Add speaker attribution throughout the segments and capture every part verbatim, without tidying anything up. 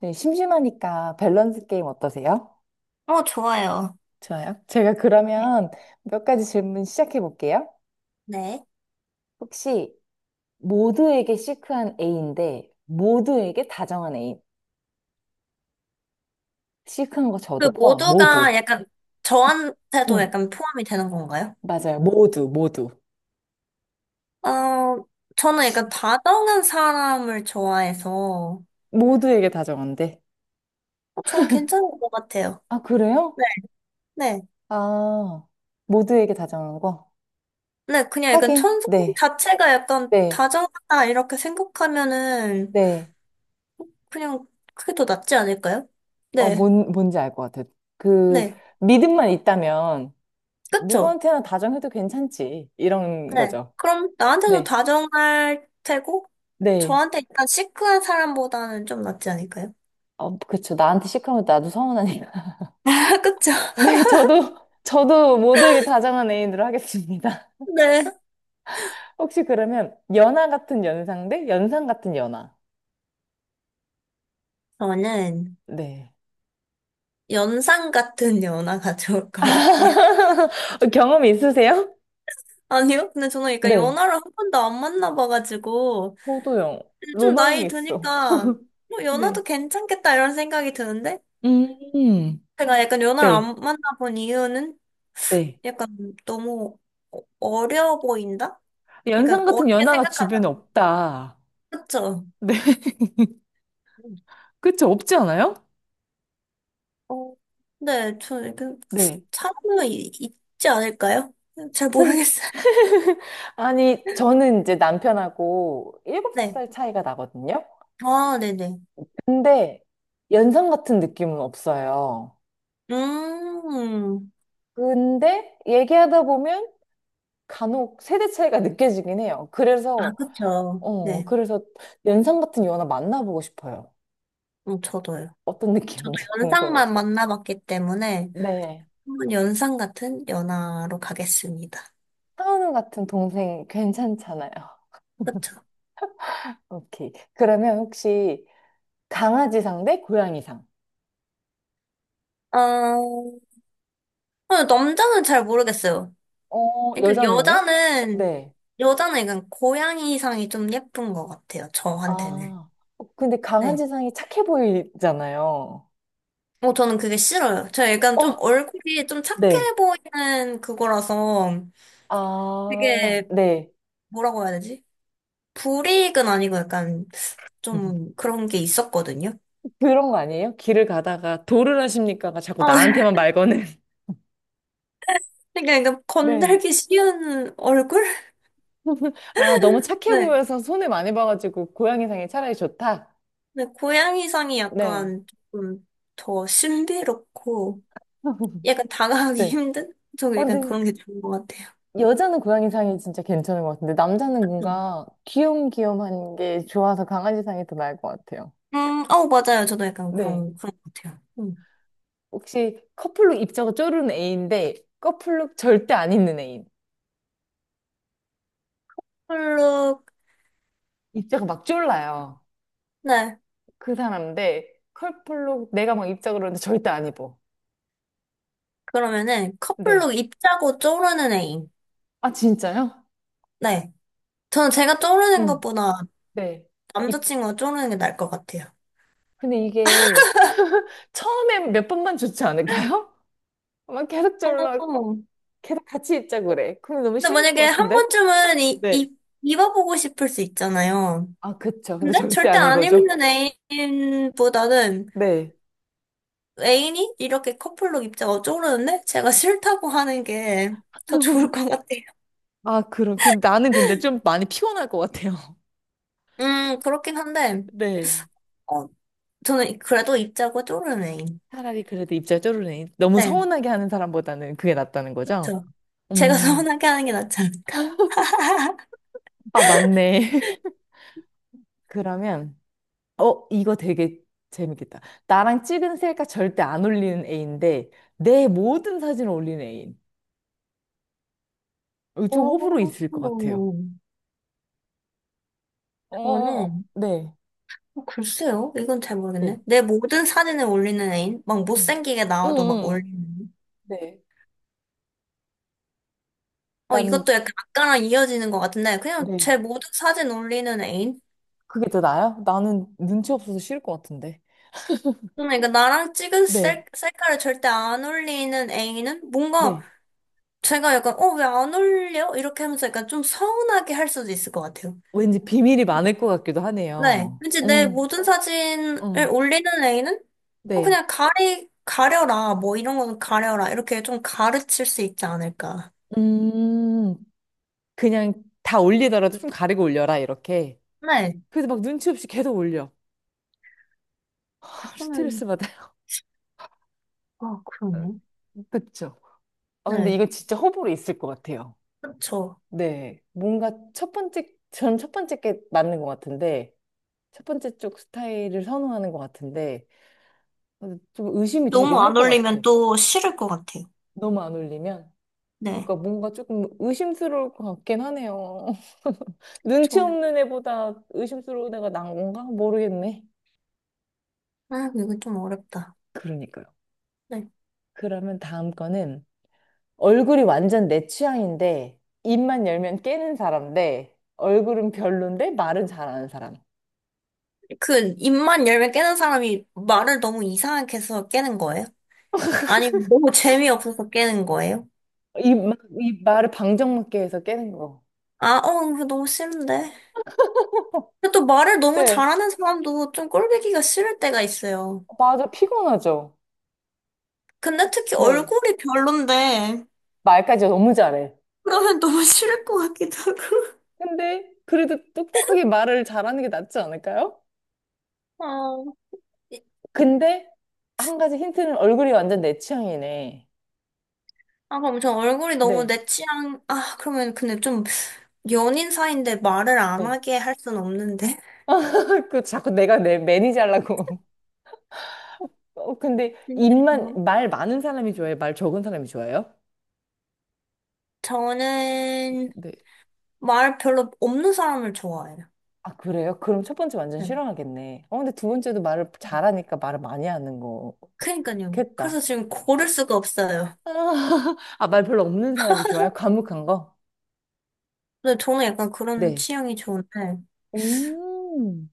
Speaker 1: 네, 심심하니까 밸런스 게임 어떠세요?
Speaker 2: 어, 좋아요.
Speaker 1: 좋아요. 제가
Speaker 2: 네.
Speaker 1: 그러면 몇 가지 질문 시작해 볼게요.
Speaker 2: 네.
Speaker 1: 혹시 모두에게 시크한 A인데 모두에게 다정한 A. 시크한 거
Speaker 2: 그
Speaker 1: 저도 포함.
Speaker 2: 모두가
Speaker 1: 모두.
Speaker 2: 약간 저한테도
Speaker 1: 응,
Speaker 2: 약간 포함이 되는 건가요?
Speaker 1: 맞아요. 모두, 모두.
Speaker 2: 어, 저는 약간 다정한 사람을 좋아해서 어,
Speaker 1: 모두에게 다정한데.
Speaker 2: 저는 괜찮은 것 같아요.
Speaker 1: 아, 그래요?
Speaker 2: 네. 네.
Speaker 1: 아, 모두에게 다정한 거?
Speaker 2: 네, 그냥 약간
Speaker 1: 하긴,
Speaker 2: 천성
Speaker 1: 네,
Speaker 2: 자체가 약간
Speaker 1: 네,
Speaker 2: 다정하다 이렇게 생각하면은
Speaker 1: 네.
Speaker 2: 그냥 그게 더 낫지 않을까요?
Speaker 1: 어,
Speaker 2: 네.
Speaker 1: 뭔, 뭔지 알 것 같아요. 그,
Speaker 2: 네.
Speaker 1: 믿음만 있다면
Speaker 2: 그쵸?
Speaker 1: 누구한테나 다정해도 괜찮지. 이런
Speaker 2: 네.
Speaker 1: 거죠.
Speaker 2: 그럼 나한테도
Speaker 1: 네.
Speaker 2: 다정할 테고
Speaker 1: 네.
Speaker 2: 저한테 일단 시크한 사람보다는 좀 낫지 않을까요?
Speaker 1: 어, 그쵸. 나한테 시하면 나도 서운하니까.
Speaker 2: 그쵸?
Speaker 1: 네, 저도, 저도 모두에게 다정한 애인으로 하겠습니다.
Speaker 2: 네.
Speaker 1: 혹시 그러면 연하 같은 연상 대 연상 같은 연하.
Speaker 2: 저는
Speaker 1: 네.
Speaker 2: 연상 같은 연하가 좋을 것 같아요.
Speaker 1: 경험 있으세요?
Speaker 2: 아니요? 근데 저는 약간
Speaker 1: 네.
Speaker 2: 연하를 한 번도 안 만나봐가지고,
Speaker 1: 저도요.
Speaker 2: 근데 좀
Speaker 1: 로망이
Speaker 2: 나이
Speaker 1: 있어.
Speaker 2: 드니까, 뭐
Speaker 1: 네.
Speaker 2: 연하도 괜찮겠다 이런 생각이 드는데,
Speaker 1: 음,
Speaker 2: 제가 약간 연하를
Speaker 1: 네,
Speaker 2: 안 만나본 이유는
Speaker 1: 네.
Speaker 2: 약간 너무 어- 어려 보인다? 약간
Speaker 1: 연상 같은
Speaker 2: 어렵게
Speaker 1: 연하가
Speaker 2: 생각하다.
Speaker 1: 주변에 없다.
Speaker 2: 그쵸?
Speaker 1: 네. 그쵸? 없지 않아요?
Speaker 2: 어, 네, 저 약간
Speaker 1: 네.
Speaker 2: 차이가 있지 않을까요? 잘
Speaker 1: 찾아,
Speaker 2: 모르겠어요.
Speaker 1: 아니, 저는 이제 남편하고
Speaker 2: 네.
Speaker 1: 일곱 살 차이가 나거든요.
Speaker 2: 아, 네네.
Speaker 1: 근데 연상 같은 느낌은 없어요.
Speaker 2: 음,
Speaker 1: 근데 얘기하다 보면 간혹 세대 차이가 느껴지긴 해요.
Speaker 2: 아,
Speaker 1: 그래서,
Speaker 2: 그쵸.
Speaker 1: 어,
Speaker 2: 네,
Speaker 1: 그래서 연상 같은 연하 만나보고 싶어요.
Speaker 2: 음, 저도요.
Speaker 1: 어떤
Speaker 2: 저도
Speaker 1: 느낌인지
Speaker 2: 연상만
Speaker 1: 궁금해서.
Speaker 2: 만나봤기 때문에
Speaker 1: 네.
Speaker 2: 한번 연상 같은 연하로 가겠습니다.
Speaker 1: 상은우 같은 동생 괜찮잖아요.
Speaker 2: 그쵸.
Speaker 1: 오케이. 그러면 혹시 강아지상 대 고양이상?
Speaker 2: 어, 어, 남자는 잘 모르겠어요.
Speaker 1: 어,
Speaker 2: 그러니까
Speaker 1: 여자는요?
Speaker 2: 여자는,
Speaker 1: 네.
Speaker 2: 여자는 약간 고양이상이 좀 예쁜 것 같아요. 저한테는.
Speaker 1: 아, 어, 근데 강한
Speaker 2: 네.
Speaker 1: 지상이 착해 보이잖아요.
Speaker 2: 어, 저는 그게 싫어요. 제가 약간 좀
Speaker 1: 어,
Speaker 2: 얼굴이 좀 착해
Speaker 1: 네.
Speaker 2: 보이는 그거라서
Speaker 1: 아,
Speaker 2: 되게
Speaker 1: 네.
Speaker 2: 뭐라고 해야 되지? 불이익은 아니고 약간 좀 그런 게 있었거든요.
Speaker 1: 그런 거 아니에요? 길을 가다가 도를 하십니까가 자꾸
Speaker 2: 어,
Speaker 1: 나한테만 말 거는.
Speaker 2: 그러니까
Speaker 1: 네.
Speaker 2: 건들기 쉬운 얼굴?
Speaker 1: 아, 너무 착해
Speaker 2: 네.
Speaker 1: 보여서 손해 많이 봐가지고 고양이상이 차라리 좋다.
Speaker 2: 근데 고양이상이
Speaker 1: 네.
Speaker 2: 약간 조금 더 신비롭고 약간 다가가기
Speaker 1: 네.
Speaker 2: 힘든? 저
Speaker 1: 어,
Speaker 2: 약간
Speaker 1: 근데
Speaker 2: 그런 게 좋은 것 같아요.
Speaker 1: 여자는 고양이상이 진짜 괜찮은 것 같은데 남자는
Speaker 2: 음,
Speaker 1: 뭔가 귀염귀염한 게 좋아서 강아지상이 더 나을 것 같아요.
Speaker 2: 음, 어, 맞아요. 저도 약간
Speaker 1: 네
Speaker 2: 그런, 그런 것 같아요. 음.
Speaker 1: 혹시 커플룩 입자가 쪼르는 애인데 커플룩 절대 안 입는 애인.
Speaker 2: 커플룩,
Speaker 1: 입자가 막 쫄라요.
Speaker 2: 네.
Speaker 1: 그 사람인데 커플룩 내가 막 입자 그러는데 절대 안 입어.
Speaker 2: 그러면은
Speaker 1: 네.
Speaker 2: 커플룩 입자고 쪼르는 애인.
Speaker 1: 아 진짜요?
Speaker 2: 네. 저는 제가 쪼르는
Speaker 1: 응.
Speaker 2: 것보다
Speaker 1: 네. 입
Speaker 2: 남자친구가 쪼르는 게 나을 것 같아요.
Speaker 1: 근데 이게 처음에 몇 번만 좋지 않을까요? 막 계속 졸라
Speaker 2: 어,
Speaker 1: 계속 같이 입자 그래. 그럼 너무
Speaker 2: 근데
Speaker 1: 싫을 것
Speaker 2: 만약에 한
Speaker 1: 같은데?
Speaker 2: 번쯤은 이,
Speaker 1: 네.
Speaker 2: 이, 입어보고 싶을 수 있잖아요.
Speaker 1: 아 그쵸. 근데
Speaker 2: 근데
Speaker 1: 절대
Speaker 2: 절대
Speaker 1: 안
Speaker 2: 안
Speaker 1: 입어줘.
Speaker 2: 입는 애인보다는
Speaker 1: 네.
Speaker 2: 애인이 이렇게 커플룩 입자 어쩌려는데 제가 싫다고 하는 게 더 좋을 것 같아요.
Speaker 1: 아, 그럼. 근 나는 근데 좀 많이 피곤할 것 같아요.
Speaker 2: 음, 그렇긴 한데,
Speaker 1: 네.
Speaker 2: 어, 저는 그래도 입자고 쪼르는 애인.
Speaker 1: 차라리 그래도 입자 쪼르르니. 너무
Speaker 2: 네,
Speaker 1: 서운하게 하는 사람보다는 그게 낫다는 거죠?
Speaker 2: 그렇죠. 제가
Speaker 1: 음.
Speaker 2: 서운하게 하는 게 낫지 않을까.
Speaker 1: 아, 맞네. 그러면, 어, 이거 되게 재밌겠다. 나랑 찍은 셀카 절대 안 올리는 애인데, 내 모든 사진을 올리는 애인. 이거 좀
Speaker 2: 오,
Speaker 1: 호불호 있을 것 같아요. 어,
Speaker 2: 저는,
Speaker 1: 네,
Speaker 2: 어, 글쎄요. 이건 잘
Speaker 1: 네,
Speaker 2: 모르겠네. 내 모든 사진을 올리는 애인? 막
Speaker 1: 응,
Speaker 2: 못생기게
Speaker 1: 응,
Speaker 2: 나와도 막
Speaker 1: 응.
Speaker 2: 올리는.
Speaker 1: 네.
Speaker 2: 어,
Speaker 1: 난,
Speaker 2: 이것도 약간 아까랑 이어지는 것 같은데, 그냥
Speaker 1: 네.
Speaker 2: 제 모든 사진 올리는 애인?
Speaker 1: 그게 더 나아요? 나는 눈치 없어서 싫을 것 같은데.
Speaker 2: 저는 그러니까 나랑 찍은
Speaker 1: 네,
Speaker 2: 셀, 셀카를 절대 안 올리는 애인은 뭔가
Speaker 1: 네.
Speaker 2: 제가 약간, 어, 왜 안 올려? 이렇게 하면서 약간 좀 서운하게 할 수도 있을 것 같아요.
Speaker 1: 왠지 비밀이 많을 것 같기도
Speaker 2: 네.
Speaker 1: 하네요.
Speaker 2: 왠지 내
Speaker 1: 응,
Speaker 2: 모든 사진을
Speaker 1: 응.
Speaker 2: 올리는 애인은 어,
Speaker 1: 네.
Speaker 2: 그냥 가리, 가려라. 뭐 이런 거는 가려라. 이렇게 좀 가르칠 수 있지 않을까.
Speaker 1: 음, 그냥 다 올리더라도 좀 가리고 올려라, 이렇게.
Speaker 2: 네.
Speaker 1: 그래서 막 눈치 없이 계속 올려.
Speaker 2: 그러면,
Speaker 1: 스트레스 받아요.
Speaker 2: 아, 그러네.
Speaker 1: 그쵸. 아, 근데
Speaker 2: 네.
Speaker 1: 이거 진짜 호불호 있을 것 같아요.
Speaker 2: 그렇죠.
Speaker 1: 네. 뭔가 첫 번째, 저는 첫 번째 게 맞는 것 같은데, 첫 번째 쪽 스타일을 선호하는 것 같은데, 좀 의심이 되긴
Speaker 2: 너무
Speaker 1: 할
Speaker 2: 안
Speaker 1: 것 같아.
Speaker 2: 올리면 또 싫을 것 같아요.
Speaker 1: 너무 안 올리면.
Speaker 2: 네.
Speaker 1: 그러니까 뭔가 조금 의심스러울 것 같긴 하네요. 눈치
Speaker 2: 좀,
Speaker 1: 없는 애보다 의심스러운 애가 난 건가? 모르겠네.
Speaker 2: 아, 이거 좀 어렵다.
Speaker 1: 그러니까요.
Speaker 2: 네.
Speaker 1: 그러면 다음 거는 얼굴이 완전 내 취향인데 입만 열면 깨는 사람 대 얼굴은 별론데 말은 잘하는 사람.
Speaker 2: 그, 입만 열면 깨는 사람이 말을 너무 이상하게 해서 깨는 거예요? 아니면 너무 재미없어서 깨는 거예요?
Speaker 1: 이, 마- 이 말을 방정맞게 해서 깨는 거.
Speaker 2: 아, 어, 이거 너무 싫은데. 근데 또 말을 너무
Speaker 1: 네,
Speaker 2: 잘하는 사람도 좀 꼴보기가 싫을 때가 있어요.
Speaker 1: 맞아. 피곤하죠.
Speaker 2: 근데 특히
Speaker 1: 네.
Speaker 2: 얼굴이 별론데,
Speaker 1: 말까지 너무 잘해.
Speaker 2: 그러면 너무 싫을 것 같기도
Speaker 1: 근데 그래도 똑똑하게 말을 잘하는 게 낫지 않을까요?
Speaker 2: 하고. 어,
Speaker 1: 근데 한 가지 힌트는 얼굴이 완전 내 취향이네.
Speaker 2: 아, 그럼 저 얼굴이 너무
Speaker 1: 네,
Speaker 2: 내 취향, 아, 그러면 근데 좀 연인 사이인데 말을 안
Speaker 1: 네.
Speaker 2: 하게 할 순 없는데.
Speaker 1: 그 자꾸 내가 내 매니저 하려고. 어, 근데
Speaker 2: 진짜
Speaker 1: 입만 말 많은 사람이 좋아해요? 말 적은 사람이 좋아해요?
Speaker 2: 저는
Speaker 1: 네.
Speaker 2: 말 별로 없는 사람을 좋아해요.
Speaker 1: 아, 그래요? 그럼 첫 번째 완전
Speaker 2: 네.
Speaker 1: 싫어하겠네. 어, 근데 두 번째도 말을 잘하니까 말을 많이 하는
Speaker 2: 그러니까요. 그래서
Speaker 1: 거겠다.
Speaker 2: 지금 고를 수가 없어요.
Speaker 1: 아, 말 별로 없는 사람이 좋아요? 과묵한 거?
Speaker 2: 근데 저는 약간 그런
Speaker 1: 네.
Speaker 2: 취향이 좋은데,
Speaker 1: 음.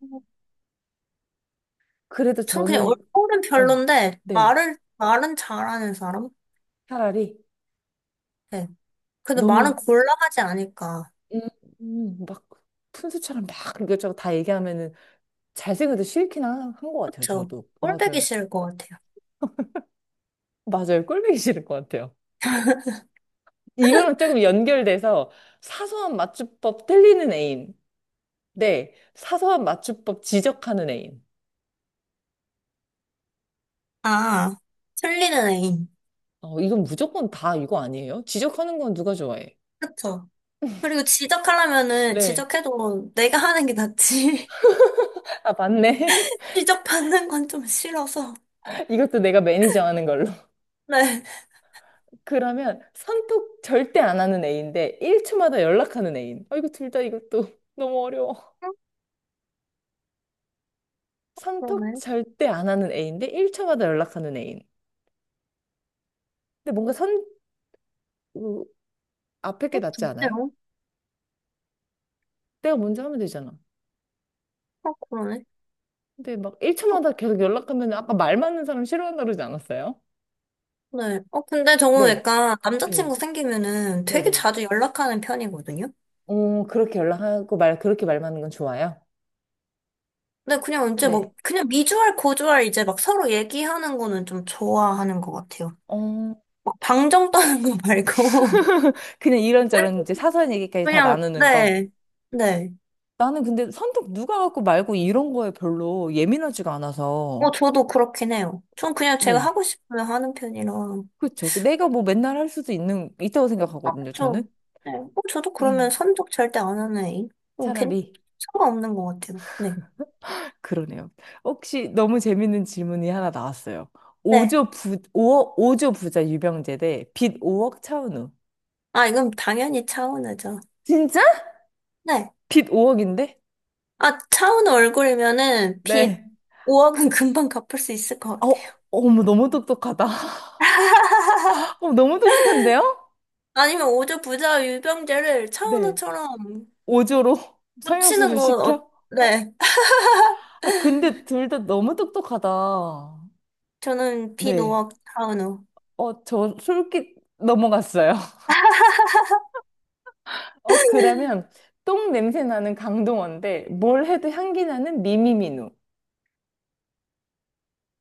Speaker 1: 그래도
Speaker 2: 전 그냥
Speaker 1: 저는
Speaker 2: 얼굴은
Speaker 1: 어,
Speaker 2: 별론데,
Speaker 1: 네.
Speaker 2: 말을, 말은 잘하는 사람?
Speaker 1: 차라리
Speaker 2: 네. 근데 말은
Speaker 1: 너무
Speaker 2: 곤란하지 않을까.
Speaker 1: 음, 음, 막 푼수처럼 막 이것저것 다 얘기하면은 잘생겨도 싫긴 한 것 같아요,
Speaker 2: 그쵸?
Speaker 1: 저도.
Speaker 2: 꼴보기
Speaker 1: 맞아요.
Speaker 2: 싫을 것 같아요.
Speaker 1: 맞아요. 꼴보기 싫을 것 같아요. 이거랑 조금 연결돼서 사소한 맞춤법 틀리는 애인. 네, 사소한 맞춤법 지적하는 애인.
Speaker 2: 아, 틀리는 애인.
Speaker 1: 어, 이건 무조건 다 이거 아니에요? 지적하는 건 누가 좋아해?
Speaker 2: 그쵸? 그리고 지적하려면은
Speaker 1: 네.
Speaker 2: 지적해도 내가 하는 게 낫지.
Speaker 1: 아, 맞네.
Speaker 2: 지적받는 건 좀 싫어서.
Speaker 1: 이것도 내가 매니저 하는 걸로.
Speaker 2: 네.
Speaker 1: 그러면 선톡 절대 안 하는 애인데 일 초마다 연락하는 애인. 아, 이거 둘 다 이것도 너무 어려워. 선톡
Speaker 2: 그러네.
Speaker 1: 절대 안 하는 애인데 일 초마다 연락하는 애인. 근데 뭔가 선, 그, 앞에 게
Speaker 2: 어,
Speaker 1: 낫지 않아요?
Speaker 2: 글쎄요.
Speaker 1: 내가 먼저 하면 되잖아.
Speaker 2: 어, 그러네.
Speaker 1: 근데 막
Speaker 2: 어,
Speaker 1: 일 차마다 계속 연락하면 아까 말 맞는 사람 싫어한다 그러지 않았어요?
Speaker 2: 네. 어, 근데 저는
Speaker 1: 네,
Speaker 2: 약간 남자친구
Speaker 1: 네,
Speaker 2: 생기면은 되게
Speaker 1: 네네.
Speaker 2: 자주 연락하는 편이거든요.
Speaker 1: 어, 그렇게 연락하고 말, 그렇게 말 맞는 건 좋아요?
Speaker 2: 근데 그냥 이제 막,
Speaker 1: 네.
Speaker 2: 그냥 미주알, 고주알 이제 막 서로 얘기하는 거는 좀 좋아하는 것 같아요.
Speaker 1: 어,
Speaker 2: 막 방정 떠는 거 말고.
Speaker 1: 그냥 이런저런 이제 사소한 얘기까지 다
Speaker 2: 그냥,
Speaker 1: 나누는 거.
Speaker 2: 네. 네.
Speaker 1: 나는 근데 선택 누가 갖고 말고 이런 거에 별로 예민하지가 않아서.
Speaker 2: 어, 저도 그렇긴 해요. 전 그냥 제가
Speaker 1: 네.
Speaker 2: 하고 싶으면 하는 편이라.
Speaker 1: 그렇죠. 그 내가 뭐 맨날 할 수도 있는, 있다고
Speaker 2: 아,
Speaker 1: 생각하거든요,
Speaker 2: 그쵸.
Speaker 1: 저는.
Speaker 2: 네. 어, 저도 그러면
Speaker 1: 음,
Speaker 2: 선적 절대 안 하는 애인. 어, 괜,
Speaker 1: 차라리.
Speaker 2: 상관없는 것 같아요. 네.
Speaker 1: 그러네요. 혹시 너무 재밌는 질문이 하나 나왔어요.
Speaker 2: 네.
Speaker 1: 오 조 부, 오억 오조 부자 유병재 대빚 오 억 차은우.
Speaker 2: 아, 이건 당연히 차은우죠.
Speaker 1: 진짜?
Speaker 2: 네.
Speaker 1: 빚 오 억인데?
Speaker 2: 아, 차은 우 얼굴이면은 빚
Speaker 1: 네.
Speaker 2: 오 억은 금방 갚을 수 있을 것
Speaker 1: 어,
Speaker 2: 같아요.
Speaker 1: 어머, 너무 똑똑하다. 어, 너무 똑똑한데요?
Speaker 2: 아니면 오조 부자 유병재를
Speaker 1: 네.
Speaker 2: 차은우처럼
Speaker 1: 오 조로
Speaker 2: 고치는
Speaker 1: 성형수술
Speaker 2: 거, 어,
Speaker 1: 시켜?
Speaker 2: 네.
Speaker 1: 아, 근데 둘 다 너무 똑똑하다.
Speaker 2: 저는 빚
Speaker 1: 네.
Speaker 2: 오 억 차은우.
Speaker 1: 어, 저 솔깃 넘어갔어요. 어, 그러면 똥 냄새 나는 강동원데 뭘 해도 향기 나는 미미민우.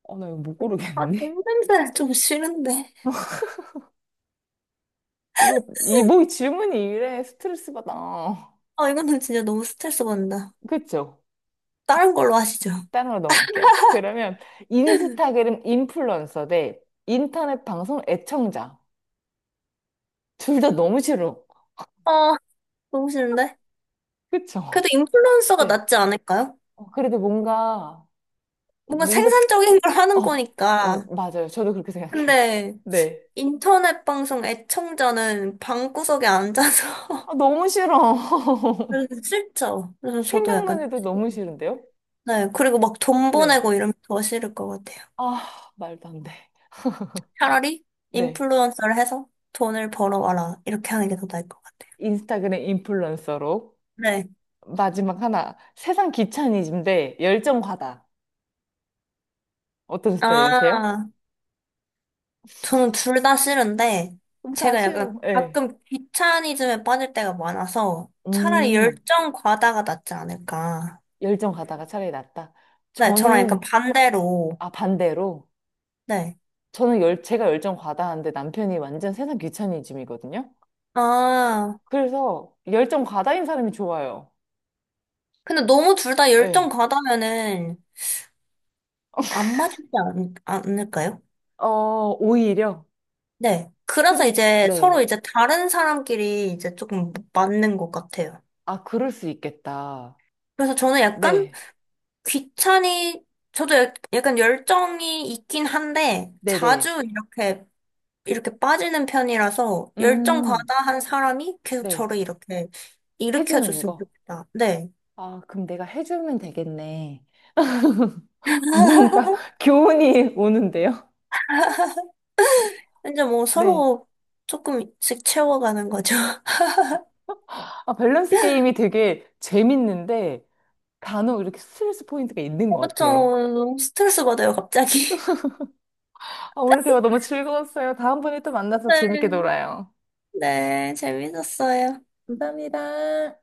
Speaker 1: 어, 나 이거 못
Speaker 2: 아,
Speaker 1: 고르겠네.
Speaker 2: 똥냄새 좀 싫은데.
Speaker 1: 이거 이 뭐 이 질문이 이래 스트레스 받아.
Speaker 2: 아, 이거는 진짜 너무 스트레스 받는다.
Speaker 1: 그쵸?
Speaker 2: 다른 걸로 하시죠.
Speaker 1: 다른 걸 넘어갈게요. 그러면 인스타그램 인플루언서 대 인터넷 방송 애청자. 둘 다 너무 싫어.
Speaker 2: 아, 너무 싫은데?
Speaker 1: 그쵸?
Speaker 2: 그래도 인플루언서가
Speaker 1: 네.
Speaker 2: 낫지 않을까요?
Speaker 1: 어, 그래도 뭔가
Speaker 2: 뭔가
Speaker 1: 뭔가
Speaker 2: 생산적인 걸 하는
Speaker 1: 어 음,
Speaker 2: 거니까.
Speaker 1: 맞아요. 저도 그렇게 생각해요.
Speaker 2: 근데
Speaker 1: 네.
Speaker 2: 인터넷 방송 애청자는 방구석에 앉아서
Speaker 1: 아, 너무 싫어.
Speaker 2: 그래서 싫죠. 그래서 저도
Speaker 1: 생각만
Speaker 2: 약간
Speaker 1: 해도 너무 싫은데요?
Speaker 2: 네 그리고 막 돈
Speaker 1: 네.
Speaker 2: 보내고 이러면 더 싫을 것 같아요.
Speaker 1: 아, 말도 안 돼.
Speaker 2: 차라리
Speaker 1: 네.
Speaker 2: 인플루언서를 해서 돈을 벌어와라 이렇게 하는 게 더 나을 것 같아요.
Speaker 1: 인스타그램 인플루언서로.
Speaker 2: 네.
Speaker 1: 마지막 하나. 세상 귀차니즘대 열정 과다. 어떤 스타일이세요?
Speaker 2: 아 저는 둘 다 싫은데
Speaker 1: 그럼 다
Speaker 2: 제가
Speaker 1: 싫어.
Speaker 2: 약간
Speaker 1: 예
Speaker 2: 가끔 귀차니즘에 빠질 때가 많아서 차라리
Speaker 1: 음,
Speaker 2: 열정 과다가 낫지 않을까.
Speaker 1: 열정 과다가 차라리 낫다.
Speaker 2: 네 저랑 약간
Speaker 1: 저는,
Speaker 2: 반대로
Speaker 1: 아, 반대로.
Speaker 2: 네.
Speaker 1: 저는 열, 제가 열정 과다한데 남편이 완전 세상 귀차니즘이거든요.
Speaker 2: 아
Speaker 1: 그래서 열정 과다인 사람이 좋아요.
Speaker 2: 근데 너무 둘 다 열정
Speaker 1: 예
Speaker 2: 과다면은 안 맞지 않, 않을까요?
Speaker 1: 어, 오히려.
Speaker 2: 네. 그래서
Speaker 1: 근,
Speaker 2: 이제 서로
Speaker 1: 네.
Speaker 2: 이제 다른 사람끼리 이제 조금 맞는 것 같아요.
Speaker 1: 아, 그럴 수 있겠다.
Speaker 2: 그래서 저는 약간
Speaker 1: 네.
Speaker 2: 귀찮이, 저도 약- 약간 열정이 있긴 한데
Speaker 1: 네네.
Speaker 2: 자주 이렇게 이렇게 빠지는 편이라서 열정
Speaker 1: 음,
Speaker 2: 과다한 사람이 계속
Speaker 1: 네.
Speaker 2: 저를 이렇게
Speaker 1: 해주는
Speaker 2: 일으켜줬으면
Speaker 1: 거.
Speaker 2: 좋겠다. 네.
Speaker 1: 아, 그럼 내가 해주면 되겠네. 뭔가 교훈이 오는데요.
Speaker 2: 이제 뭐
Speaker 1: 네.
Speaker 2: 서로 조금씩 채워가는 거죠.
Speaker 1: 아, 밸런스 게임이 되게 재밌는데 간혹 이렇게 스트레스 포인트가 있는 것
Speaker 2: 그쵸.
Speaker 1: 같아요.
Speaker 2: 너무 스트레스 받아요, 갑자기.
Speaker 1: 아, 오늘 대화 너무 즐거웠어요. 다음번에 또 만나서 재밌게
Speaker 2: 네,
Speaker 1: 놀아요.
Speaker 2: 네, 재밌었어요.
Speaker 1: 감사합니다.